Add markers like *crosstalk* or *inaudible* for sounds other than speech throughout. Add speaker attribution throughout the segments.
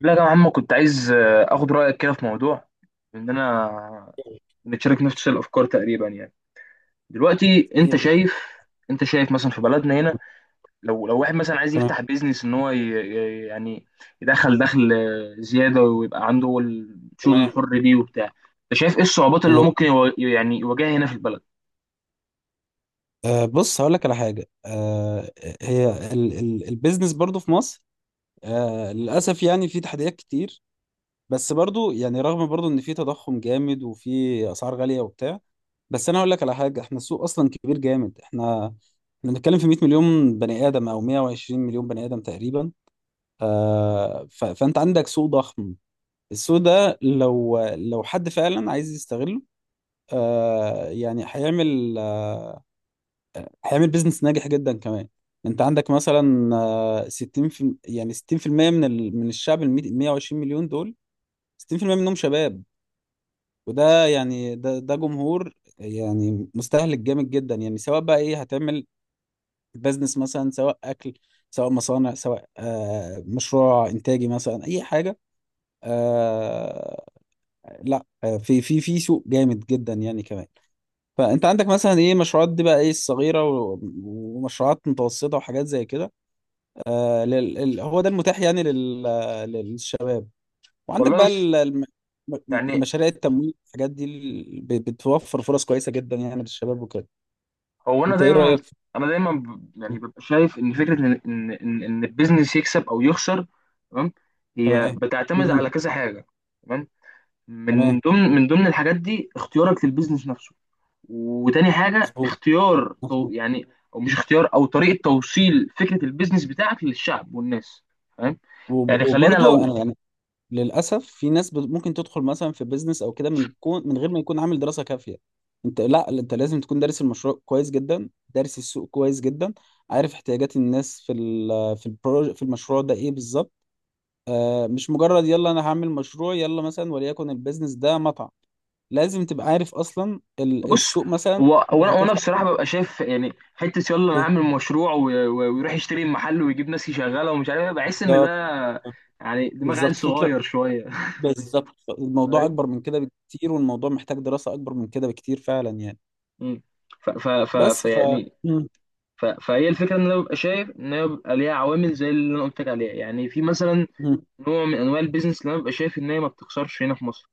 Speaker 1: لا يا عم، كنت عايز اخد رايك كده في موضوع ان انا بنتشارك نفس الافكار تقريبا يعني. دلوقتي
Speaker 2: ايه يا باشا؟
Speaker 1: انت شايف مثلا في بلدنا هنا، لو واحد مثلا عايز
Speaker 2: تمام،
Speaker 1: يفتح بيزنس ان هو دخل زياده ويبقى عنده الشغل
Speaker 2: تمام،
Speaker 1: الحر دي وبتاع. انت شايف ايه الصعوبات اللي هو
Speaker 2: تمام.
Speaker 1: ممكن يواجهها هنا في البلد؟
Speaker 2: بص، هقول لك على حاجه. هي ال البيزنس برضو في مصر، للاسف يعني في تحديات كتير. بس برضو يعني رغم برضو ان في تضخم جامد وفي اسعار غاليه وبتاع، بس انا هقول لك على حاجه: احنا السوق اصلا كبير جامد. احنا بنتكلم في 100 مليون بني ادم او 120 مليون بني ادم تقريبا. آه ف فانت عندك سوق ضخم. السوق ده لو حد فعلا عايز يستغله، يعني هيعمل بيزنس ناجح جدا كمان. انت عندك مثلا، 60 في يعني 60% من الشعب ال 120 مليون دول، 60% منهم شباب. وده يعني ده جمهور، يعني مستهلك جامد جدا. يعني سواء بقى ايه هتعمل بيزنس، مثلا سواء اكل، سواء مصانع، سواء مشروع انتاجي مثلا، اي حاجه. آه لا، في سوق جامد جدا يعني كمان. فانت عندك مثلا ايه؟ مشروعات دي بقى، ايه الصغيره و- ومشروعات متوسطه وحاجات زي كده. هو ده المتاح يعني للشباب. وعندك
Speaker 1: والله
Speaker 2: بقى
Speaker 1: بص. يعني
Speaker 2: مشاريع التمويل، الحاجات دي بتوفر فرص كويسة جدا يعني للشباب وكده.
Speaker 1: هو انا
Speaker 2: انت ايه
Speaker 1: دايما
Speaker 2: رأيك في؟
Speaker 1: انا دايما ببقى شايف ان فكره ان ان ان إن البيزنس يكسب او يخسر، تمام، هي
Speaker 2: تمام.
Speaker 1: بتعتمد على
Speaker 2: مم.
Speaker 1: كذا حاجه. تمام. من
Speaker 2: تمام.
Speaker 1: ضمن من ضمن الحاجات دي اختيارك للبيزنس نفسه، وتاني حاجه
Speaker 2: مظبوط،
Speaker 1: اختيار تو
Speaker 2: مظبوط.
Speaker 1: يعني، او مش اختيار، او طريقه توصيل فكره البيزنس بتاعك للشعب والناس. تمام.
Speaker 2: وب-
Speaker 1: يعني خلينا
Speaker 2: وبرضه
Speaker 1: لو
Speaker 2: انا يعني للأسف في ناس ممكن تدخل مثلا في بيزنس او كده، من غير ما يكون عامل دراسة كافية. انت لا انت لازم تكون دارس المشروع كويس جدا، دارس السوق كويس جدا، عارف احتياجات الناس في ال... في البرو... في المشروع ده ايه بالظبط. مش مجرد يلا انا هعمل مشروع، يلا مثلا وليكن البيزنس ده مطعم، لازم تبقى عارف اصلا
Speaker 1: بص.
Speaker 2: السوق مثلا
Speaker 1: هو
Speaker 2: انت
Speaker 1: وانا
Speaker 2: هتفتح
Speaker 1: بصراحه
Speaker 2: فيه.
Speaker 1: ببقى شايف يعني حته يلا انا اعمل مشروع ويروح يشتري محل ويجيب ناس يشغلها ومش عارف إيه، بحس ان ده
Speaker 2: بالظبط،
Speaker 1: يعني دماغ عيل
Speaker 2: بالظبط فكرة.
Speaker 1: صغير شويه *laughs*
Speaker 2: بالظبط الموضوع
Speaker 1: فاهم؟
Speaker 2: اكبر من كده بكتير، والموضوع محتاج دراسة اكبر من كده بكتير فعلا يعني.
Speaker 1: مم. ف ف ف ف
Speaker 2: بس ف
Speaker 1: يعني
Speaker 2: مم.
Speaker 1: ف فهي الفكره ان انا ببقى شايف ان هي بيبقى ليها عوامل زي اللي انا قلت لك عليها. يعني في مثلا
Speaker 2: مم.
Speaker 1: نوع من انواع البيزنس اللي انا ببقى شايف ان هي ما بتخسرش هنا في مصر،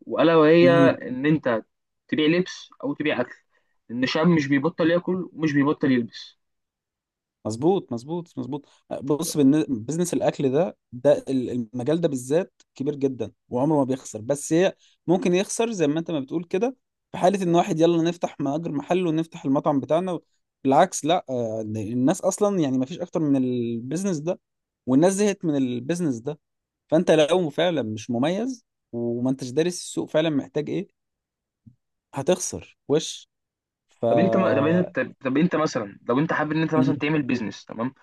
Speaker 1: والا وهي
Speaker 2: مم.
Speaker 1: ان انت تبيع لبس او تبيع اكل، ان الشعب مش بيبطل ياكل ومش بيبطل يلبس.
Speaker 2: مظبوط، مظبوط، مظبوط. بص، بزنس الاكل ده، المجال ده بالذات كبير جدا وعمره ما بيخسر. بس هي ممكن يخسر زي ما انت ما بتقول كده، في حاله ان واحد يلا نفتح مأجر محل ونفتح المطعم بتاعنا. بالعكس، لا، الناس اصلا يعني ما فيش اكتر من البيزنس ده، والناس زهقت من البيزنس ده. فانت لو فعلا مش مميز وما انتش دارس السوق فعلا محتاج ايه، هتخسر وش. ف
Speaker 1: طب انت ما... طب انت طب انت مثلا لو انت حابب ان انت مثلا
Speaker 2: مهم.
Speaker 1: تعمل بيزنس، تمام،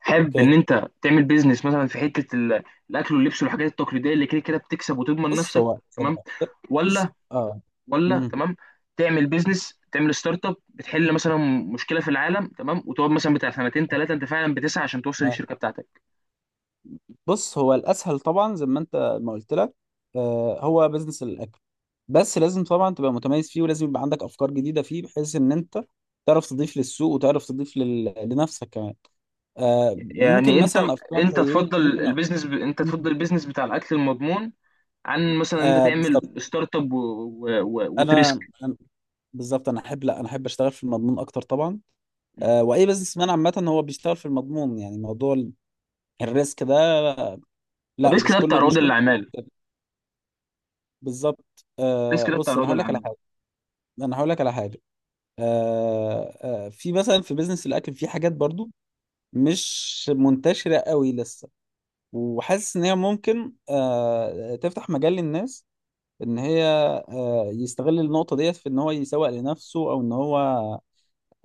Speaker 1: حابب ان
Speaker 2: اوكي.
Speaker 1: انت تعمل بيزنس مثلا في حته الاكل واللبس والحاجات التقليديه اللي كده كده بتكسب وتضمن
Speaker 2: بص
Speaker 1: نفسك،
Speaker 2: هو زي ما
Speaker 1: تمام،
Speaker 2: قلت- بص،
Speaker 1: ولا
Speaker 2: اه امم
Speaker 1: تمام تعمل بيزنس، تعمل ستارت اب بتحل مثلا مشكله في العالم، تمام، وتقعد مثلا بتاع سنتين ثلاثه انت فعلا بتسعى عشان توصل للشركه بتاعتك؟
Speaker 2: بص هو الاسهل طبعا زي ما انت ما قلت لك، هو بزنس الاكل. بس لازم طبعا تبقى متميز فيه، ولازم يبقى عندك افكار جديده فيه بحيث ان انت تعرف تضيف للسوق، وتعرف تضيف لنفسك كمان. ممكن
Speaker 1: يعني انت
Speaker 2: مثلا افكار
Speaker 1: انت
Speaker 2: زي ايه، ممكن.
Speaker 1: انت تفضل البيزنس بتاع الاكل المضمون عن مثلا انت تعمل
Speaker 2: بالظبط.
Speaker 1: ستارت اب وتريسك؟
Speaker 2: انا أنا- بالظبط، انا احب لا انا احب اشتغل في المضمون اكتر طبعا. واي بزنس مان عامه هو بيشتغل في المضمون، يعني موضوع الريسك ده. لا،
Speaker 1: الريسك
Speaker 2: مش
Speaker 1: ده بتاع
Speaker 2: كله،
Speaker 1: رواد
Speaker 2: مش كله.
Speaker 1: الاعمال،
Speaker 2: بالظبط.
Speaker 1: الريسك ده بتاع
Speaker 2: بص،
Speaker 1: الرياضه اللي عامله.
Speaker 2: انا هقول لك على حاجه. في مثلا في بيزنس الاكل في حاجات برضو مش منتشره قوي لسه، وحاسس ان هي ممكن تفتح مجال للناس، ان هي يستغل النقطه ديت في ان هو يسوق لنفسه، او ان هو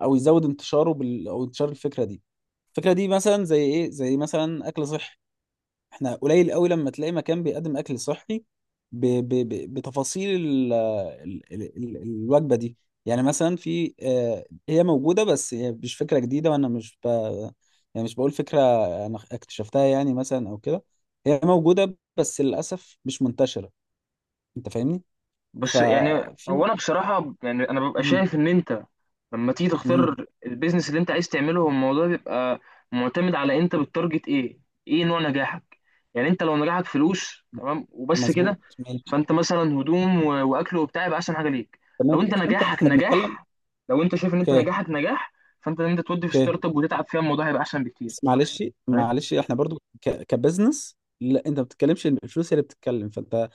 Speaker 2: او يزود انتشاره او انتشار الفكره دي. الفكره دي مثلا زي ايه؟ زي مثلا اكل صحي. احنا قليل قوي لما تلاقي مكان بيقدم اكل صحي بتفاصيل الوجبه دي. يعني مثلا في، هي موجوده بس هي مش فكره جديده، وانا مش يعني مش بقول فكره انا اكتشفتها يعني مثلا او كده. هي موجوده بس للاسف مش منتشره. انت فاهمني؟
Speaker 1: بس يعني
Speaker 2: ففي
Speaker 1: هو انا بصراحه يعني انا ببقى
Speaker 2: مم.
Speaker 1: شايف ان انت لما تيجي
Speaker 2: مم.
Speaker 1: تختار البيزنس اللي انت عايز تعمله، هو الموضوع بيبقى معتمد على انت بتتارجت ايه، ايه نوع نجاحك. يعني انت لو نجاحك فلوس، تمام وبس كده،
Speaker 2: مظبوط. ماشي.
Speaker 1: فانت مثلا هدوم واكل وبتاع يبقى احسن حاجه ليك.
Speaker 2: تمام
Speaker 1: لو انت
Speaker 2: بس انت
Speaker 1: نجاحك
Speaker 2: احنا بنتكلم.
Speaker 1: نجاح لو انت شايف ان انت
Speaker 2: اوكي.
Speaker 1: نجاحك نجاح، فانت ان انت تودي في
Speaker 2: اوكي
Speaker 1: ستارت اب وتتعب فيها، الموضوع هيبقى احسن بكتير.
Speaker 2: بس معلش، معلش احنا برضو كبزنس، لا انت ما بتتكلمش، الفلوس هي اللي بتتكلم، فانت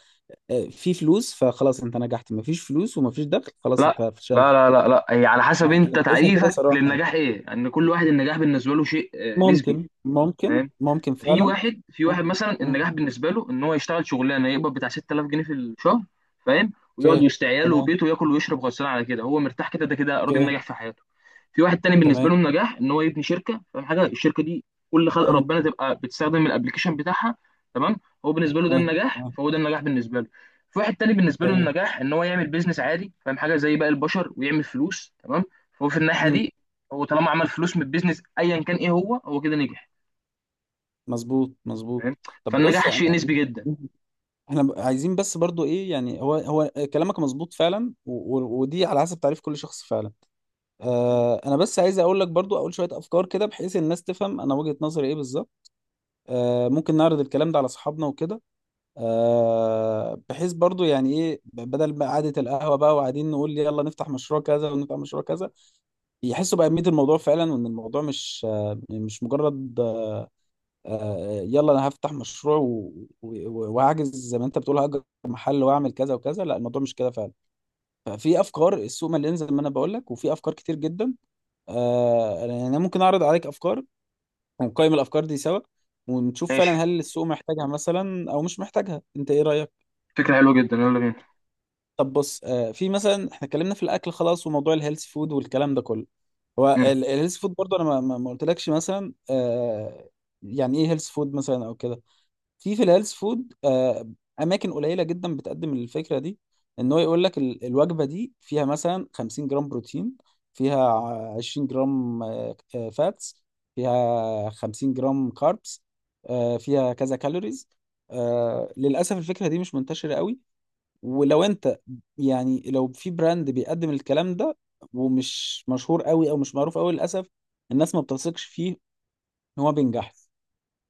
Speaker 2: في فلوس فخلاص انت نجحت، ما فيش فلوس وما فيش دخل خلاص
Speaker 1: لا
Speaker 2: انت فشلت.
Speaker 1: لا لا لا لا، هي على حسب
Speaker 2: انا
Speaker 1: انت
Speaker 2: بقيسها كده
Speaker 1: تعريفك
Speaker 2: صراحة.
Speaker 1: للنجاح ايه، ان كل واحد النجاح بالنسبه له شيء نسبي. فاهم؟
Speaker 2: ممكن فعلا.
Speaker 1: في
Speaker 2: مم،
Speaker 1: واحد مثلا
Speaker 2: مم،
Speaker 1: النجاح بالنسبه له ان هو يشتغل شغلانه يقبض بتاع 6000 جنيه في الشهر. فاهم؟ ويقعد
Speaker 2: اوكي،
Speaker 1: يشتري عياله
Speaker 2: تمام،
Speaker 1: وبيته وياكل ويشرب غصب على كده، هو مرتاح كده، ده كده راجل
Speaker 2: اوكي،
Speaker 1: ناجح في حياته. في واحد تاني بالنسبه له
Speaker 2: تمام،
Speaker 1: النجاح ان هو يبني شركه، فاهم حاجه؟ الشركه دي كل خلق
Speaker 2: مم،
Speaker 1: ربنا تبقى بتستخدم الابلكيشن بتاعها، تمام. هو بالنسبه له ده
Speaker 2: تمام،
Speaker 1: النجاح،
Speaker 2: تمام،
Speaker 1: فهو ده النجاح بالنسبه له. في واحد تاني بالنسبه له
Speaker 2: تمام،
Speaker 1: النجاح ان هو يعمل بيزنس عادي، فاهم حاجه؟ زي باقي البشر ويعمل فلوس، تمام. فهو في الناحيه
Speaker 2: مم،
Speaker 1: دي هو طالما عمل فلوس من البيزنس ايا كان ايه، هو كده نجح.
Speaker 2: مظبوط،
Speaker 1: فاهم؟
Speaker 2: مظبوط. طب بص
Speaker 1: فالنجاح شيء
Speaker 2: انا،
Speaker 1: نسبي جدا.
Speaker 2: عايزين بس برضو ايه يعني، هو كلامك مظبوط فعلا، و... و... ودي على حسب تعريف كل شخص فعلا. انا بس عايز اقول لك برضو، اقول شويه افكار كده بحيث الناس تفهم انا وجهه نظري ايه بالظبط. ممكن نعرض الكلام ده على اصحابنا وكده. بحيث برضو يعني ايه، بدل بقى قعده القهوه بقى وقاعدين نقول يلا نفتح مشروع كذا ونفتح مشروع كذا، يحسوا باهميه الموضوع فعلا، وان الموضوع مش مش مجرد يلا انا هفتح مشروع و- و- وهحجز زي ما انت بتقول هاجر محل واعمل كذا وكذا. لا، الموضوع مش كده فعلا. ففي افكار، السوق مليان زي ما انا بقول لك وفي افكار كتير جدا. يعني انا ممكن اعرض عليك افكار ونقيم الافكار دي سوا، ونشوف فعلا
Speaker 1: ماشي،
Speaker 2: هل السوق محتاجها مثلا او مش محتاجها. انت ايه رايك؟
Speaker 1: فكره حلوه جدا، يلا بينا.
Speaker 2: طب بص، في مثلا احنا اتكلمنا في الاكل خلاص، وموضوع الهيلث فود والكلام ده كله. هو
Speaker 1: مم.
Speaker 2: الهيلث فود برضه انا ما قلتلكش مثلا، يعني ايه هيلث فود مثلا او كده. في الهيلث فود اماكن قليله جدا بتقدم الفكره دي، ان هو يقول لك الوجبه دي فيها مثلا 50 جرام بروتين، فيها 20 جرام فاتس، فيها 50 جرام كاربس، فيها كذا كالوريز. للاسف الفكره دي مش منتشره قوي. ولو انت يعني لو في براند بيقدم الكلام ده، ومش مشهور قوي او مش معروف قوي، للاسف الناس ما بتثقش فيه ان هو بينجح.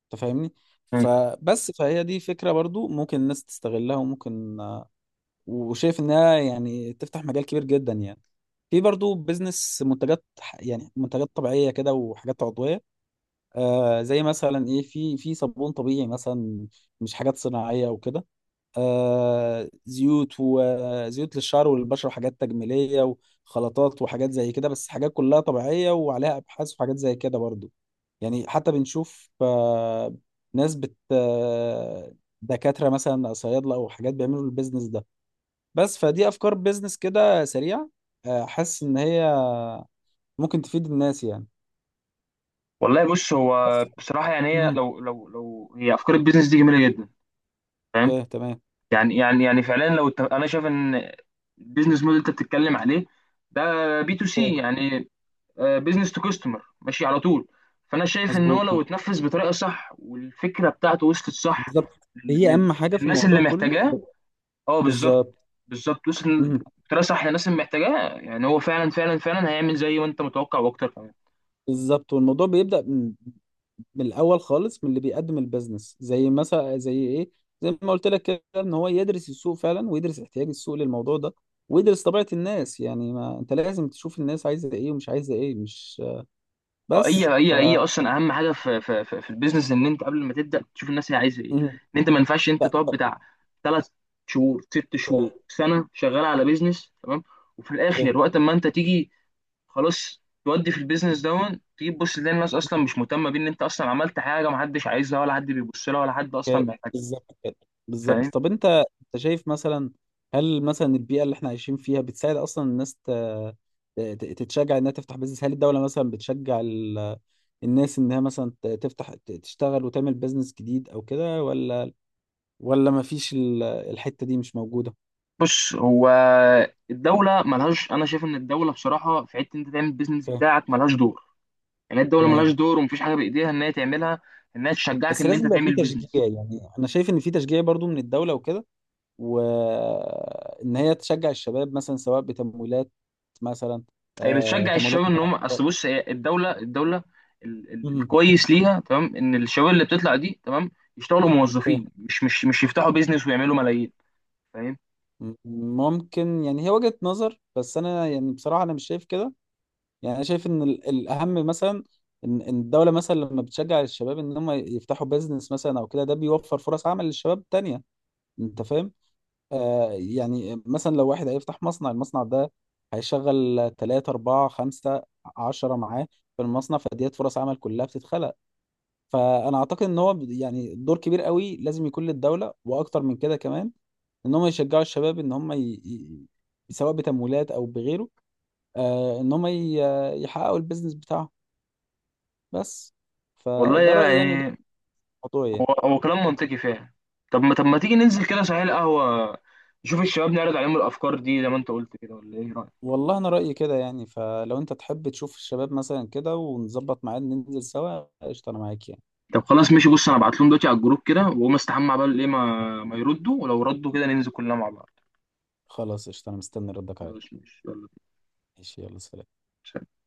Speaker 2: انت فاهمني؟
Speaker 1: مم.
Speaker 2: فبس فهي دي فكرة برضو ممكن الناس تستغلها، وممكن وشايف انها يعني تفتح مجال كبير جدا يعني. في برضو بيزنس منتجات يعني منتجات طبيعية كده، وحاجات عضوية. زي مثلا ايه؟ في صابون طبيعي مثلا، مش حاجات صناعية وكده. زيوت، وزيوت للشعر والبشرة، وحاجات تجميلية وخلطات وحاجات زي كده، بس حاجات كلها طبيعية وعليها أبحاث وحاجات زي كده برضو. يعني حتى بنشوف ناس بت آه، دكاترة مثلا أو صيادلة أو حاجات بيعملوا البيزنس ده. بس فدي أفكار بيزنس كده سريعة، حاسس إن هي ممكن تفيد الناس يعني.
Speaker 1: والله بص. هو
Speaker 2: بس.
Speaker 1: بصراحه يعني هي
Speaker 2: مهم.
Speaker 1: لو هي افكار البيزنس دي جميله جدا. فاهم؟
Speaker 2: فاهم. تمام.
Speaker 1: يعني فعلا، لو انا شايف ان البيزنس موديل انت بتتكلم عليه ده B2C
Speaker 2: فاهم.
Speaker 1: يعني، بيزنس تو كاستمر، ماشي على طول. فانا شايف ان هو
Speaker 2: مظبوط.
Speaker 1: لو اتنفذ بطريقه صح والفكره بتاعته وصلت صح
Speaker 2: بالظبط، هي
Speaker 1: لل-
Speaker 2: أهم حاجة في
Speaker 1: للناس
Speaker 2: الموضوع
Speaker 1: اللي
Speaker 2: كله.
Speaker 1: محتاجاه. اه، بالظبط.
Speaker 2: بالظبط.
Speaker 1: بالظبط، وصل
Speaker 2: مهم.
Speaker 1: بطريقه صح للناس اللي محتاجاه، يعني هو فعلا فعلا فعلا هيعمل زي ما انت متوقع واكتر كمان.
Speaker 2: بالظبط. والموضوع بيبدأ من الاول خالص، من اللي بيقدم البيزنس، زي مثلا زي ايه، زي ما قلت لك كده، ان هو يدرس السوق فعلا، ويدرس احتياج السوق للموضوع ده، ويدرس طبيعة الناس. يعني ما انت لازم تشوف الناس عايزة ايه ومش عايزة ايه، مش.
Speaker 1: اه هي
Speaker 2: بس
Speaker 1: هي
Speaker 2: ف
Speaker 1: هي اصلا اهم حاجه في البيزنس، ان انت قبل ما تبدا تشوف الناس هي عايزه ايه،
Speaker 2: مم.
Speaker 1: ان انت ما ينفعش انت
Speaker 2: ط-
Speaker 1: تقعد بتاع 3 شهور، 6 شهور،
Speaker 2: ط-
Speaker 1: سنه، شغال على بيزنس، تمام، وفي الاخر وقت ما انت تيجي خلاص تودي في البيزنس دون تيجي تبص تلاقي الناس اصلا مش مهتمه بيه، ان انت اصلا عملت حاجه ما حدش عايزها ولا حد بيبص لها ولا حد اصلا
Speaker 2: ك-
Speaker 1: محتاجها.
Speaker 2: بالظبط كده. بالظبط.
Speaker 1: فاهم؟
Speaker 2: طب انت، شايف مثلا هل مثلا البيئة اللي احنا عايشين فيها بتساعد اصلا الناس تتشجع انها تفتح بيزنس؟ هل الدولة مثلا بتشجع الناس انها مثلا تفتح تشتغل وتعمل بيزنس جديد او كده، ولا ما فيش الحتة دي مش موجودة؟
Speaker 1: بص، هو الدوله ملهاش انا شايف ان الدوله بصراحه في حته انت تعمل البيزنس
Speaker 2: اوكي.
Speaker 1: بتاعك ملهاش دور. يعني الدوله ملهاش
Speaker 2: تمام
Speaker 1: دور ومفيش حاجه بايديها ان هي تعملها، انها تشجعك
Speaker 2: بس
Speaker 1: ان
Speaker 2: لازم
Speaker 1: انت
Speaker 2: يبقى في
Speaker 1: تعمل
Speaker 2: تشجيع،
Speaker 1: بيزنس.
Speaker 2: يعني انا شايف ان في تشجيع برضو من الدولة وكده، وان هي تشجع الشباب مثلا، سواء بتمويلات مثلا،
Speaker 1: هي بتشجع
Speaker 2: تمويلات
Speaker 1: الشباب ان هم اصل
Speaker 2: متعددة.
Speaker 1: بص، هي الدوله
Speaker 2: مهم.
Speaker 1: الكويس ليها تمام ان الشباب اللي بتطلع دي تمام يشتغلوا
Speaker 2: اوكي.
Speaker 1: موظفين، مش يفتحوا بيزنس ويعملوا ملايين. فاهم؟
Speaker 2: ممكن، يعني هي وجهة نظر، بس انا يعني بصراحة انا مش شايف كده. يعني انا شايف ان الاهم مثلا، إن الدوله مثلا لما بتشجع الشباب ان هم يفتحوا بيزنس مثلا او كده، ده بيوفر فرص عمل للشباب تانية. انت فاهم؟ يعني مثلا لو واحد هيفتح مصنع، المصنع ده هيشغل 3 4 5 10 معاه في المصنع، فديت فرص عمل كلها بتتخلق. فأنا أعتقد إن هو يعني دور كبير قوي لازم يكون للدولة، وأكتر من كده كمان، ان هم يشجعوا الشباب ان هم سواء بتمويلات او بغيره، ان هم يحققوا البيزنس بتاعهم. بس.
Speaker 1: والله
Speaker 2: فده رأيي يعني، وده
Speaker 1: يعني
Speaker 2: الموضوع
Speaker 1: هو
Speaker 2: يعني.
Speaker 1: هو كلام منطقي فعلا. طب ما تيجي ننزل كده صحيح القهوه، نشوف الشباب نعرض عليهم الافكار دي زي ما انت قلت كده، ولا ايه رايك؟
Speaker 2: والله انا رأيي كده يعني، فلو انت تحب تشوف الشباب مثلا كده، ونظبط ميعاد ننزل سوا، قشطة انا معاك يعني.
Speaker 1: طب خلاص ماشي، بص انا ابعت لهم دلوقتي على الجروب كده واقوم استحمى عبال ايه ما يردوا، ولو ردوا كده ننزل كلنا مع بعض.
Speaker 2: خلاص، قشطة انا مستني ردك عليا.
Speaker 1: خلاص ماشي، يلا بينا.
Speaker 2: ماشي، يلا سلام.
Speaker 1: سلام.